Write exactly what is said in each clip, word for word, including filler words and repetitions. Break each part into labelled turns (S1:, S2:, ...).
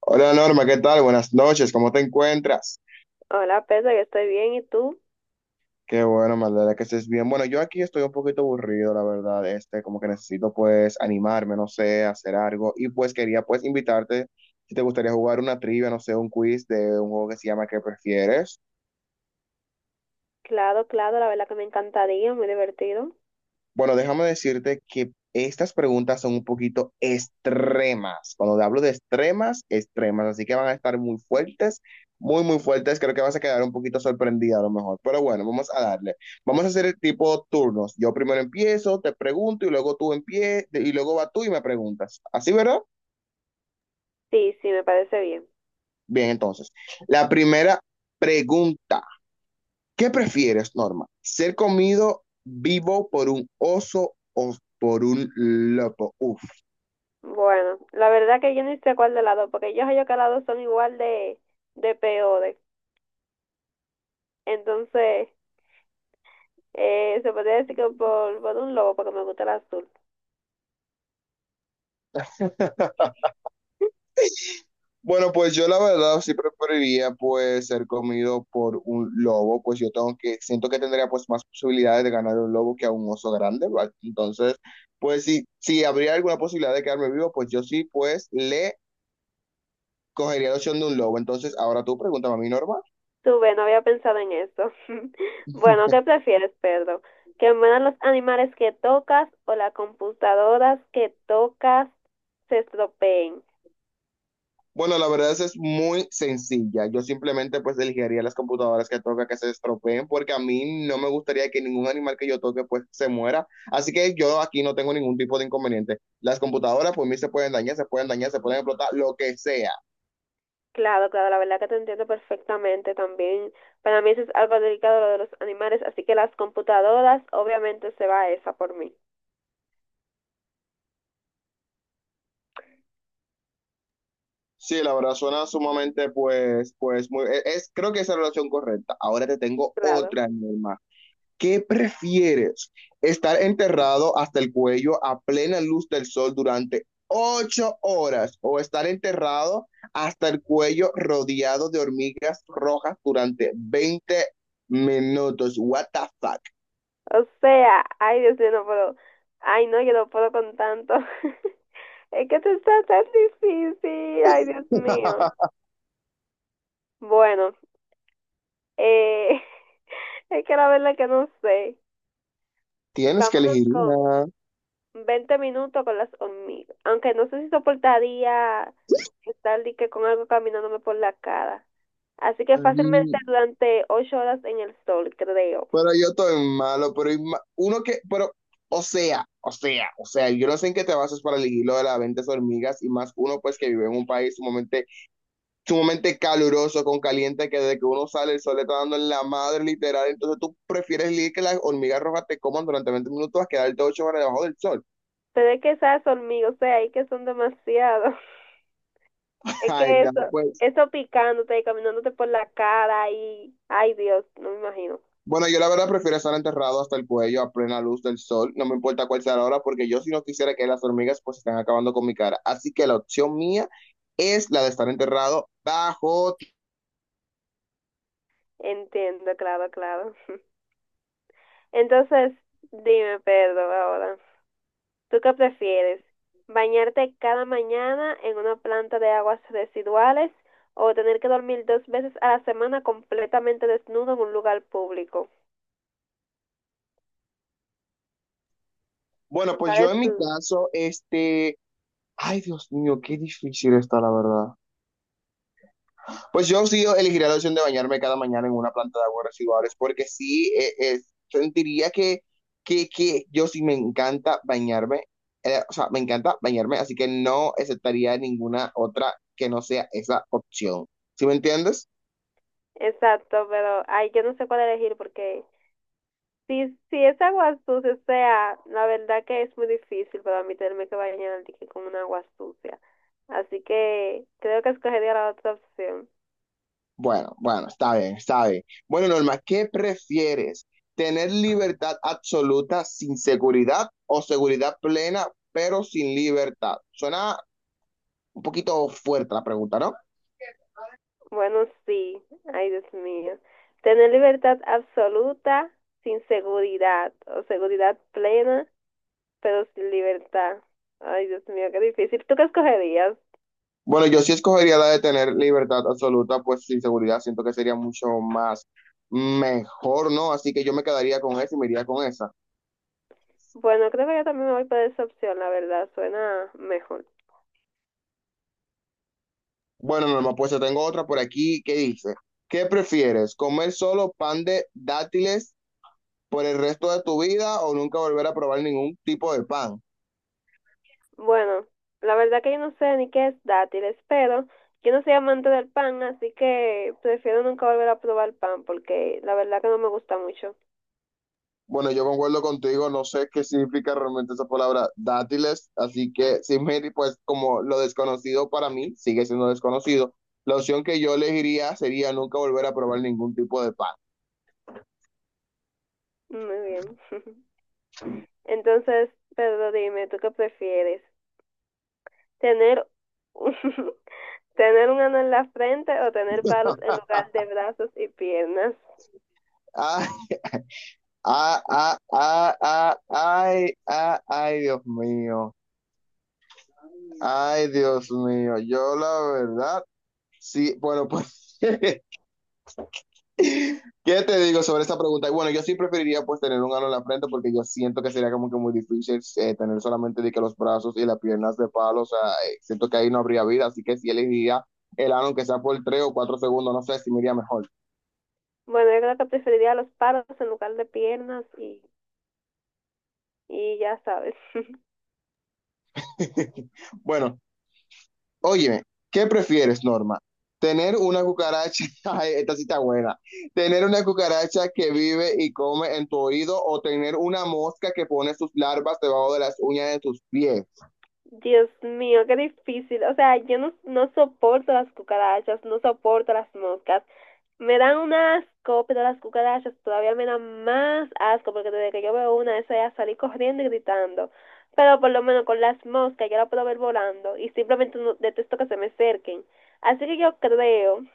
S1: Hola Norma, ¿qué tal? Buenas noches, ¿cómo te encuentras?
S2: Hola, Pedro, yo estoy bien. ¿Y tú?
S1: Qué bueno, me alegra que estés bien. Bueno, yo aquí estoy un poquito aburrido, la verdad, este, como que necesito pues animarme, no sé, hacer algo y pues quería pues invitarte si te gustaría jugar una trivia, no sé, un quiz de un juego que se llama ¿Qué prefieres?
S2: Claro, claro, la verdad que me encantaría, muy divertido.
S1: Bueno, déjame decirte que estas preguntas son un poquito extremas. Cuando hablo de extremas, extremas. Así que van a estar muy fuertes, muy, muy fuertes. Creo que vas a quedar un poquito sorprendida a lo mejor. Pero bueno, vamos a darle. Vamos a hacer el tipo turnos. Yo primero empiezo, te pregunto y luego tú empie y luego va tú y me preguntas. ¿Así, verdad?
S2: Sí, sí, me parece bien.
S1: Bien, entonces. La primera pregunta. ¿Qué prefieres, Norma? ¿Ser comido vivo por un oso o por un lobo? Uf.
S2: Bueno, la verdad que yo ni sé cuál de las dos, porque yo sé que las dos son igual de, de peores. Entonces, eh, se podría decir que por, por un lobo, porque me gusta el azul.
S1: Bueno, pues yo la verdad sí preferiría pues ser comido por un lobo, pues yo tengo que, siento que tendría pues más posibilidades de ganar un lobo que a un oso grande, ¿va? Entonces, pues si, si habría alguna posibilidad de quedarme vivo, pues yo sí pues le cogería la opción de un lobo. Entonces, ahora tú pregúntame a mí, Norma.
S2: Tú ve, no había pensado en eso. Bueno, ¿qué prefieres, Pedro? ¿Que mueran los animales que tocas o las computadoras que tocas se estropeen?
S1: Bueno, la verdad es, es muy sencilla. Yo simplemente pues elegiría las computadoras que toca que se estropeen porque a mí no me gustaría que ningún animal que yo toque pues se muera. Así que yo aquí no tengo ningún tipo de inconveniente. Las computadoras pues mí se pueden dañar, se pueden dañar, se pueden explotar, lo que sea.
S2: Claro, claro, la verdad que te entiendo perfectamente también. Para mí eso es algo delicado lo de los animales, así que las computadoras, obviamente se va esa por mí.
S1: Sí, la verdad suena sumamente pues pues muy es, es- creo que esa es la relación correcta. Ahora te tengo
S2: Claro.
S1: otra, mi hermano. ¿Qué prefieres? ¿Estar enterrado hasta el cuello a plena luz del sol durante ocho horas o estar enterrado hasta el cuello rodeado de hormigas rojas durante veinte minutos? What the fuck?
S2: O sea, ay Dios mío, no puedo. Ay no, yo no puedo con tanto. Es que esto está tan difícil, ay Dios mío. Bueno, eh, es que la verdad que no sé.
S1: Tienes que
S2: Vámonos
S1: elegir
S2: con
S1: una.
S2: veinte minutos con las hormigas. Aunque no sé si soportaría estar de que con algo caminándome por la cara. Así que fácilmente
S1: Ay,
S2: durante ocho horas en el sol, creo.
S1: pero yo estoy malo, pero hay ma- uno que, pero, o sea, o sea, o sea, yo no sé en qué te basas para elegir lo de las veinte hormigas y más uno pues que vive en un país sumamente sumamente caluroso, con caliente, que desde que uno sale el sol le está dando en la madre literal, entonces tú prefieres leer que las hormigas rojas te coman durante veinte minutos a quedarte ocho horas debajo del sol.
S2: Pero es que esas hormigas, o sea, es que son demasiado. Es
S1: Ay,
S2: que
S1: no,
S2: eso,
S1: pues.
S2: eso picándote y caminándote por la cara y, ay Dios, no me imagino.
S1: Bueno, yo la verdad prefiero estar enterrado hasta el cuello a plena luz del sol, no me importa cuál sea la hora, porque yo si no quisiera que las hormigas pues están acabando con mi cara. Así que la opción mía es la de estar enterrado bajo.
S2: Entiendo, claro, claro. Entonces, dime, Pedro, ahora, ¿tú qué prefieres? ¿Bañarte cada mañana en una planta de aguas residuales o tener que dormir dos veces a la semana completamente desnudo en un lugar público?
S1: Bueno, pues
S2: ¿Cuál
S1: yo
S2: es
S1: en mi
S2: tu?
S1: caso, este, ay Dios mío, qué difícil está la verdad. Pues yo sí elegiría la opción de bañarme cada mañana en una planta de aguas residuales, porque sí eh, eh, sentiría que, que, que yo sí me encanta bañarme, eh, o sea, me encanta bañarme, así que no aceptaría ninguna otra que no sea esa opción. ¿Sí me entiendes?
S2: Exacto, pero ay, yo no sé cuál elegir porque si, si es agua sucia, o sea, la verdad que es muy difícil para mí tenerme que bañar de que con una agua sucia. Así que creo que escogería la otra opción.
S1: Bueno, bueno, está bien, está bien. Bueno, Norma, ¿qué prefieres? ¿Tener libertad absoluta sin seguridad o seguridad plena pero sin libertad? Suena un poquito fuerte la pregunta, ¿no?
S2: Bueno, sí, ay Dios mío. Tener libertad absoluta sin seguridad o seguridad plena, pero sin libertad. Ay Dios mío, qué difícil. ¿Tú qué escogerías?
S1: Bueno, yo sí escogería la de tener libertad absoluta, pues sin seguridad siento que sería mucho más mejor, ¿no? Así que yo me quedaría con esa y me iría con esa.
S2: Bueno, creo que yo también me voy por esa opción, la verdad, suena mejor.
S1: Bueno, Norma, pues yo tengo otra por aquí que dice, ¿qué prefieres? ¿Comer solo pan de dátiles por el resto de tu vida o nunca volver a probar ningún tipo de pan?
S2: Bueno, la verdad que yo no sé ni qué es dátiles, pero yo no soy amante del pan, así que prefiero nunca volver a probar pan porque la verdad que no me gusta mucho.
S1: Bueno, yo concuerdo contigo, no sé qué significa realmente esa palabra dátiles, así que sin medir, pues como lo desconocido para mí sigue siendo desconocido, la opción que yo elegiría sería nunca volver a probar ningún tipo de pan.
S2: Muy bien. Entonces, Pedro, dime, ¿tú qué prefieres? ¿Tener un, tener un ano en la frente o tener palos en lugar de brazos y piernas?
S1: Ay, ah, ah, ah, ah, ay, ah, ay, Dios mío, ay, Dios mío, yo la verdad, sí, bueno, pues ¿Qué te digo sobre esta pregunta? Bueno, yo sí preferiría pues tener un ano en la frente porque yo siento que sería como que muy difícil eh, tener solamente de que los brazos y las piernas de palo, o sea, eh, siento que ahí no habría vida, así que sí elegiría el ano aunque sea por tres o cuatro segundos, no sé si me iría mejor.
S2: Bueno, yo creo que preferiría los palos en lugar de piernas y, y ya sabes.
S1: Bueno, óyeme, ¿qué prefieres, Norma? Tener una cucaracha, ay, esta sí está buena, tener una cucaracha que vive y come en tu oído o tener una mosca que pone sus larvas debajo de las uñas de tus pies.
S2: Dios mío, qué difícil. O sea, yo no, no soporto las cucarachas, no soporto las moscas. Me dan un asco, pero las cucarachas todavía me dan más asco porque desde que yo veo una, eso ya salí corriendo y gritando. Pero por lo menos con las moscas yo la puedo ver volando y simplemente no, detesto que se me acerquen. Así que yo creo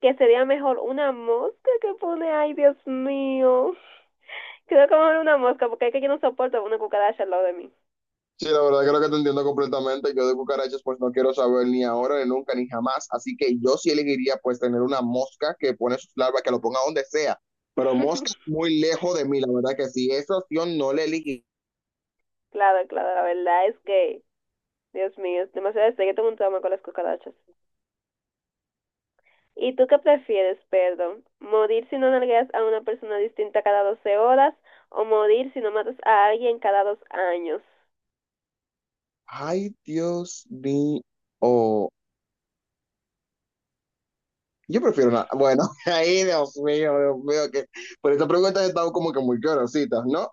S2: que sería mejor una mosca que pone, ay Dios mío, creo que mejor una mosca porque es que yo no soporto una cucaracha al lado de mí.
S1: Sí, la verdad creo que te entiendo completamente. Yo de cucarachas pues no quiero saber ni ahora, ni nunca, ni jamás. Así que yo sí elegiría pues tener una mosca que pone sus larvas, que lo ponga donde sea. Pero mosca muy lejos de mí, la verdad que sí. Esa opción no la elegí.
S2: claro, claro, la verdad es que Dios mío, demasiado sé que tengo un trauma con las cucarachas. ¿Y tú qué prefieres, perdón? ¿Morir si no nalgueas a una persona distinta cada doce horas o morir si no matas a alguien cada dos años?
S1: Ay, Dios mío. Yo prefiero una... Bueno, ay, Dios mío, Dios mío, que por estas preguntas han estado como que muy curiositas, ¿no?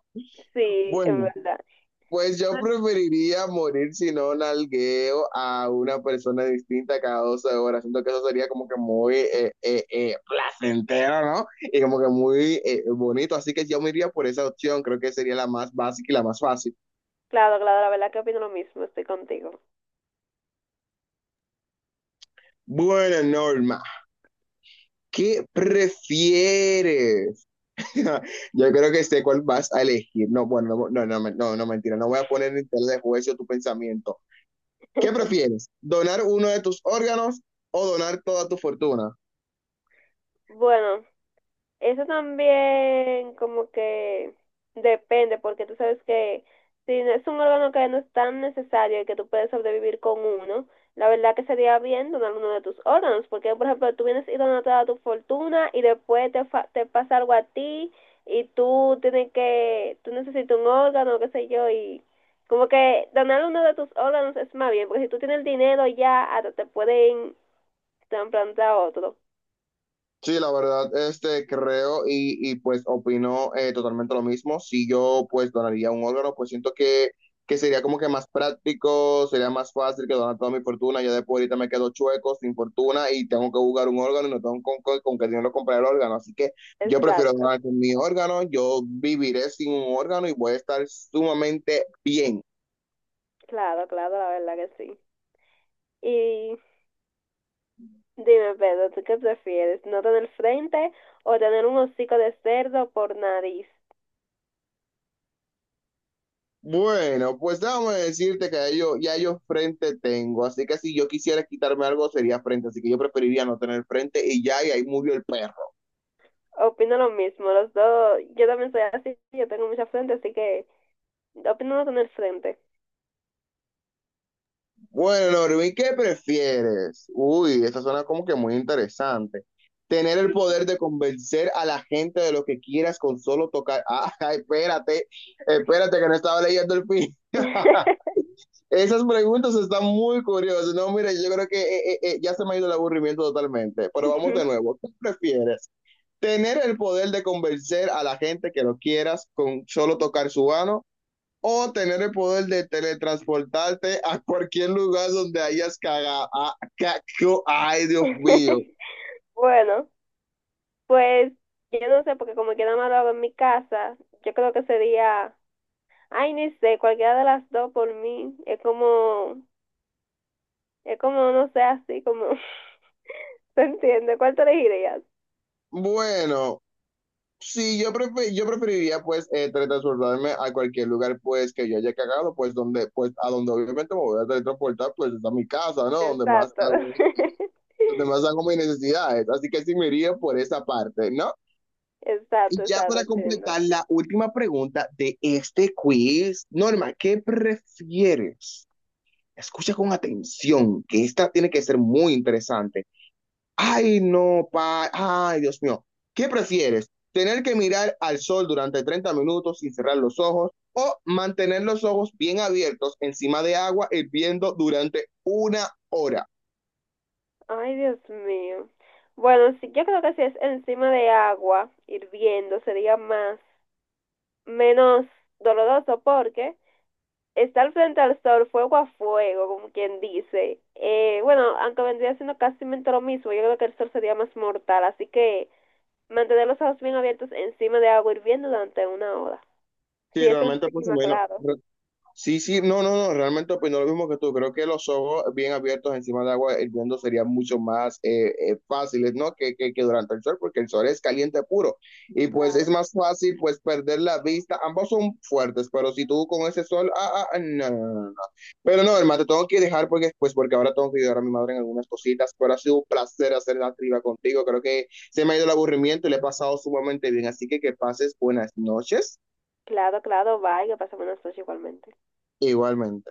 S2: Sí,
S1: Bueno.
S2: en verdad.
S1: Pues yo preferiría morir si no nalgueo a una persona distinta cada doce horas. Siento que eso sería como que muy eh, eh, eh, placentero, ¿no? Y como que muy eh, bonito. Así que yo me iría por esa opción. Creo que sería la más básica y la más fácil.
S2: Claro, claro, la verdad que opino lo mismo, estoy contigo.
S1: Bueno, Norma, ¿qué prefieres? Yo creo que sé cuál vas a elegir. No, bueno, no, no, no, no, no, mentira. No voy a poner en tela de juicio tu pensamiento. ¿Qué prefieres? ¿Donar uno de tus órganos o donar toda tu fortuna?
S2: Bueno, Eso también como que depende, porque tú sabes que si no es un órgano que no es tan necesario y que tú puedes sobrevivir con uno, la verdad que sería bien donar uno de tus órganos, porque por ejemplo tú vienes y donas toda tu fortuna y después te, fa- te pasa algo a ti y tú tienes que, tú necesitas un órgano, qué sé yo, y como que donar uno de tus órganos es más bien, porque si tú tienes el dinero ya hasta te pueden trasplantar otro.
S1: Sí, la verdad, este, creo y, y, pues opino eh, totalmente lo mismo. Si yo pues donaría un órgano, pues siento que, que sería como que más práctico, sería más fácil que donar toda mi fortuna. Ya después ahorita me quedo chueco, sin fortuna y tengo que buscar un órgano y no tengo con, con, con qué dinero comprar el órgano. Así que yo prefiero
S2: Exacto,
S1: donar con mi órgano, yo viviré sin un órgano y voy a estar sumamente bien.
S2: claro, claro, la verdad que sí. Y dime, Pedro, ¿tú qué prefieres? ¿No tener frente o tener un hocico de cerdo por nariz?
S1: Bueno, pues déjame decirte que ya yo, ya yo frente tengo, así que si yo quisiera quitarme algo sería frente, así que yo preferiría no tener frente y ya, y ahí murió el perro.
S2: Opino lo mismo, los dos. Yo también soy así, yo tengo mucha frente, así que opino no tener frente.
S1: Bueno, Norvin, ¿qué prefieres? Uy, esa suena como que muy interesante. Tener el
S2: Sí.
S1: poder de convencer a la gente de lo que quieras con solo tocar. Ah, espérate, espérate que no estaba leyendo el fin. Esas preguntas están muy curiosas. No, mire, yo creo que eh, eh, eh, ya se me ha ido el aburrimiento totalmente, pero vamos de nuevo. ¿Qué prefieres? Tener el poder de convencer a la gente que lo quieras con solo tocar su mano o tener el poder de teletransportarte a cualquier lugar donde hayas cagado. Ay, Dios mío.
S2: Bueno, pues yo no sé, porque como quiera más lo hago en mi casa, yo creo que sería, ay, ni sé, cualquiera de las dos por mí. Es como, es como, no sé, así como, ¿se entiende? ¿Cuál te elegirías?
S1: Bueno, sí, yo, prefer, yo preferiría pues eh, teletransportarme a cualquier lugar pues que yo haya cagado, pues donde, pues a donde obviamente me voy a teletransportar, pues es a mi casa, ¿no? Donde más
S2: Exacto.
S1: hago, donde más hago mis necesidades. Así que sí me iría por esa parte, ¿no? Y
S2: Exacto,
S1: ya
S2: exacto,
S1: para
S2: entiendo.
S1: completar la última pregunta de este quiz, Norma, ¿qué prefieres? Escucha con atención, que esta tiene que ser muy interesante. Ay, no, pa, ay, Dios mío. ¿Qué prefieres? ¿Tener que mirar al sol durante treinta minutos sin cerrar los ojos o mantener los ojos bien abiertos encima de agua hirviendo durante una hora?
S2: Ay, Dios mío. Bueno, sí, yo creo que si es encima de agua, hirviendo, sería más, menos doloroso porque estar frente al sol, fuego a fuego, como quien dice. Eh, bueno, aunque vendría siendo casi lo mismo, yo creo que el sol sería más mortal, así que mantener los ojos bien abiertos encima de agua hirviendo durante una hora. Si
S1: Sí,
S2: es
S1: realmente, pues
S2: encima,
S1: bueno,
S2: claro,
S1: re- sí, sí, no, no, no, realmente opino lo mismo que tú. Creo que los ojos bien abiertos encima del agua hirviendo serían mucho más eh, eh, fáciles, ¿no? Que, que, que durante el sol, porque el sol es caliente puro. Y pues es
S2: claro,
S1: más fácil, pues, perder la vista. Ambos son fuertes, pero si tú con ese sol, ah, ah, ah, no, no, no, no. Pero no, hermano, te tengo que dejar porque, pues, porque ahora tengo que ayudar a mi madre en algunas cositas. Pero ha sido un placer hacer la triba contigo. Creo que se me ha ido el aburrimiento y le he pasado sumamente bien. Así que que pases buenas noches
S2: claro, claro, vaya, pasa buenas noches igualmente.
S1: igualmente.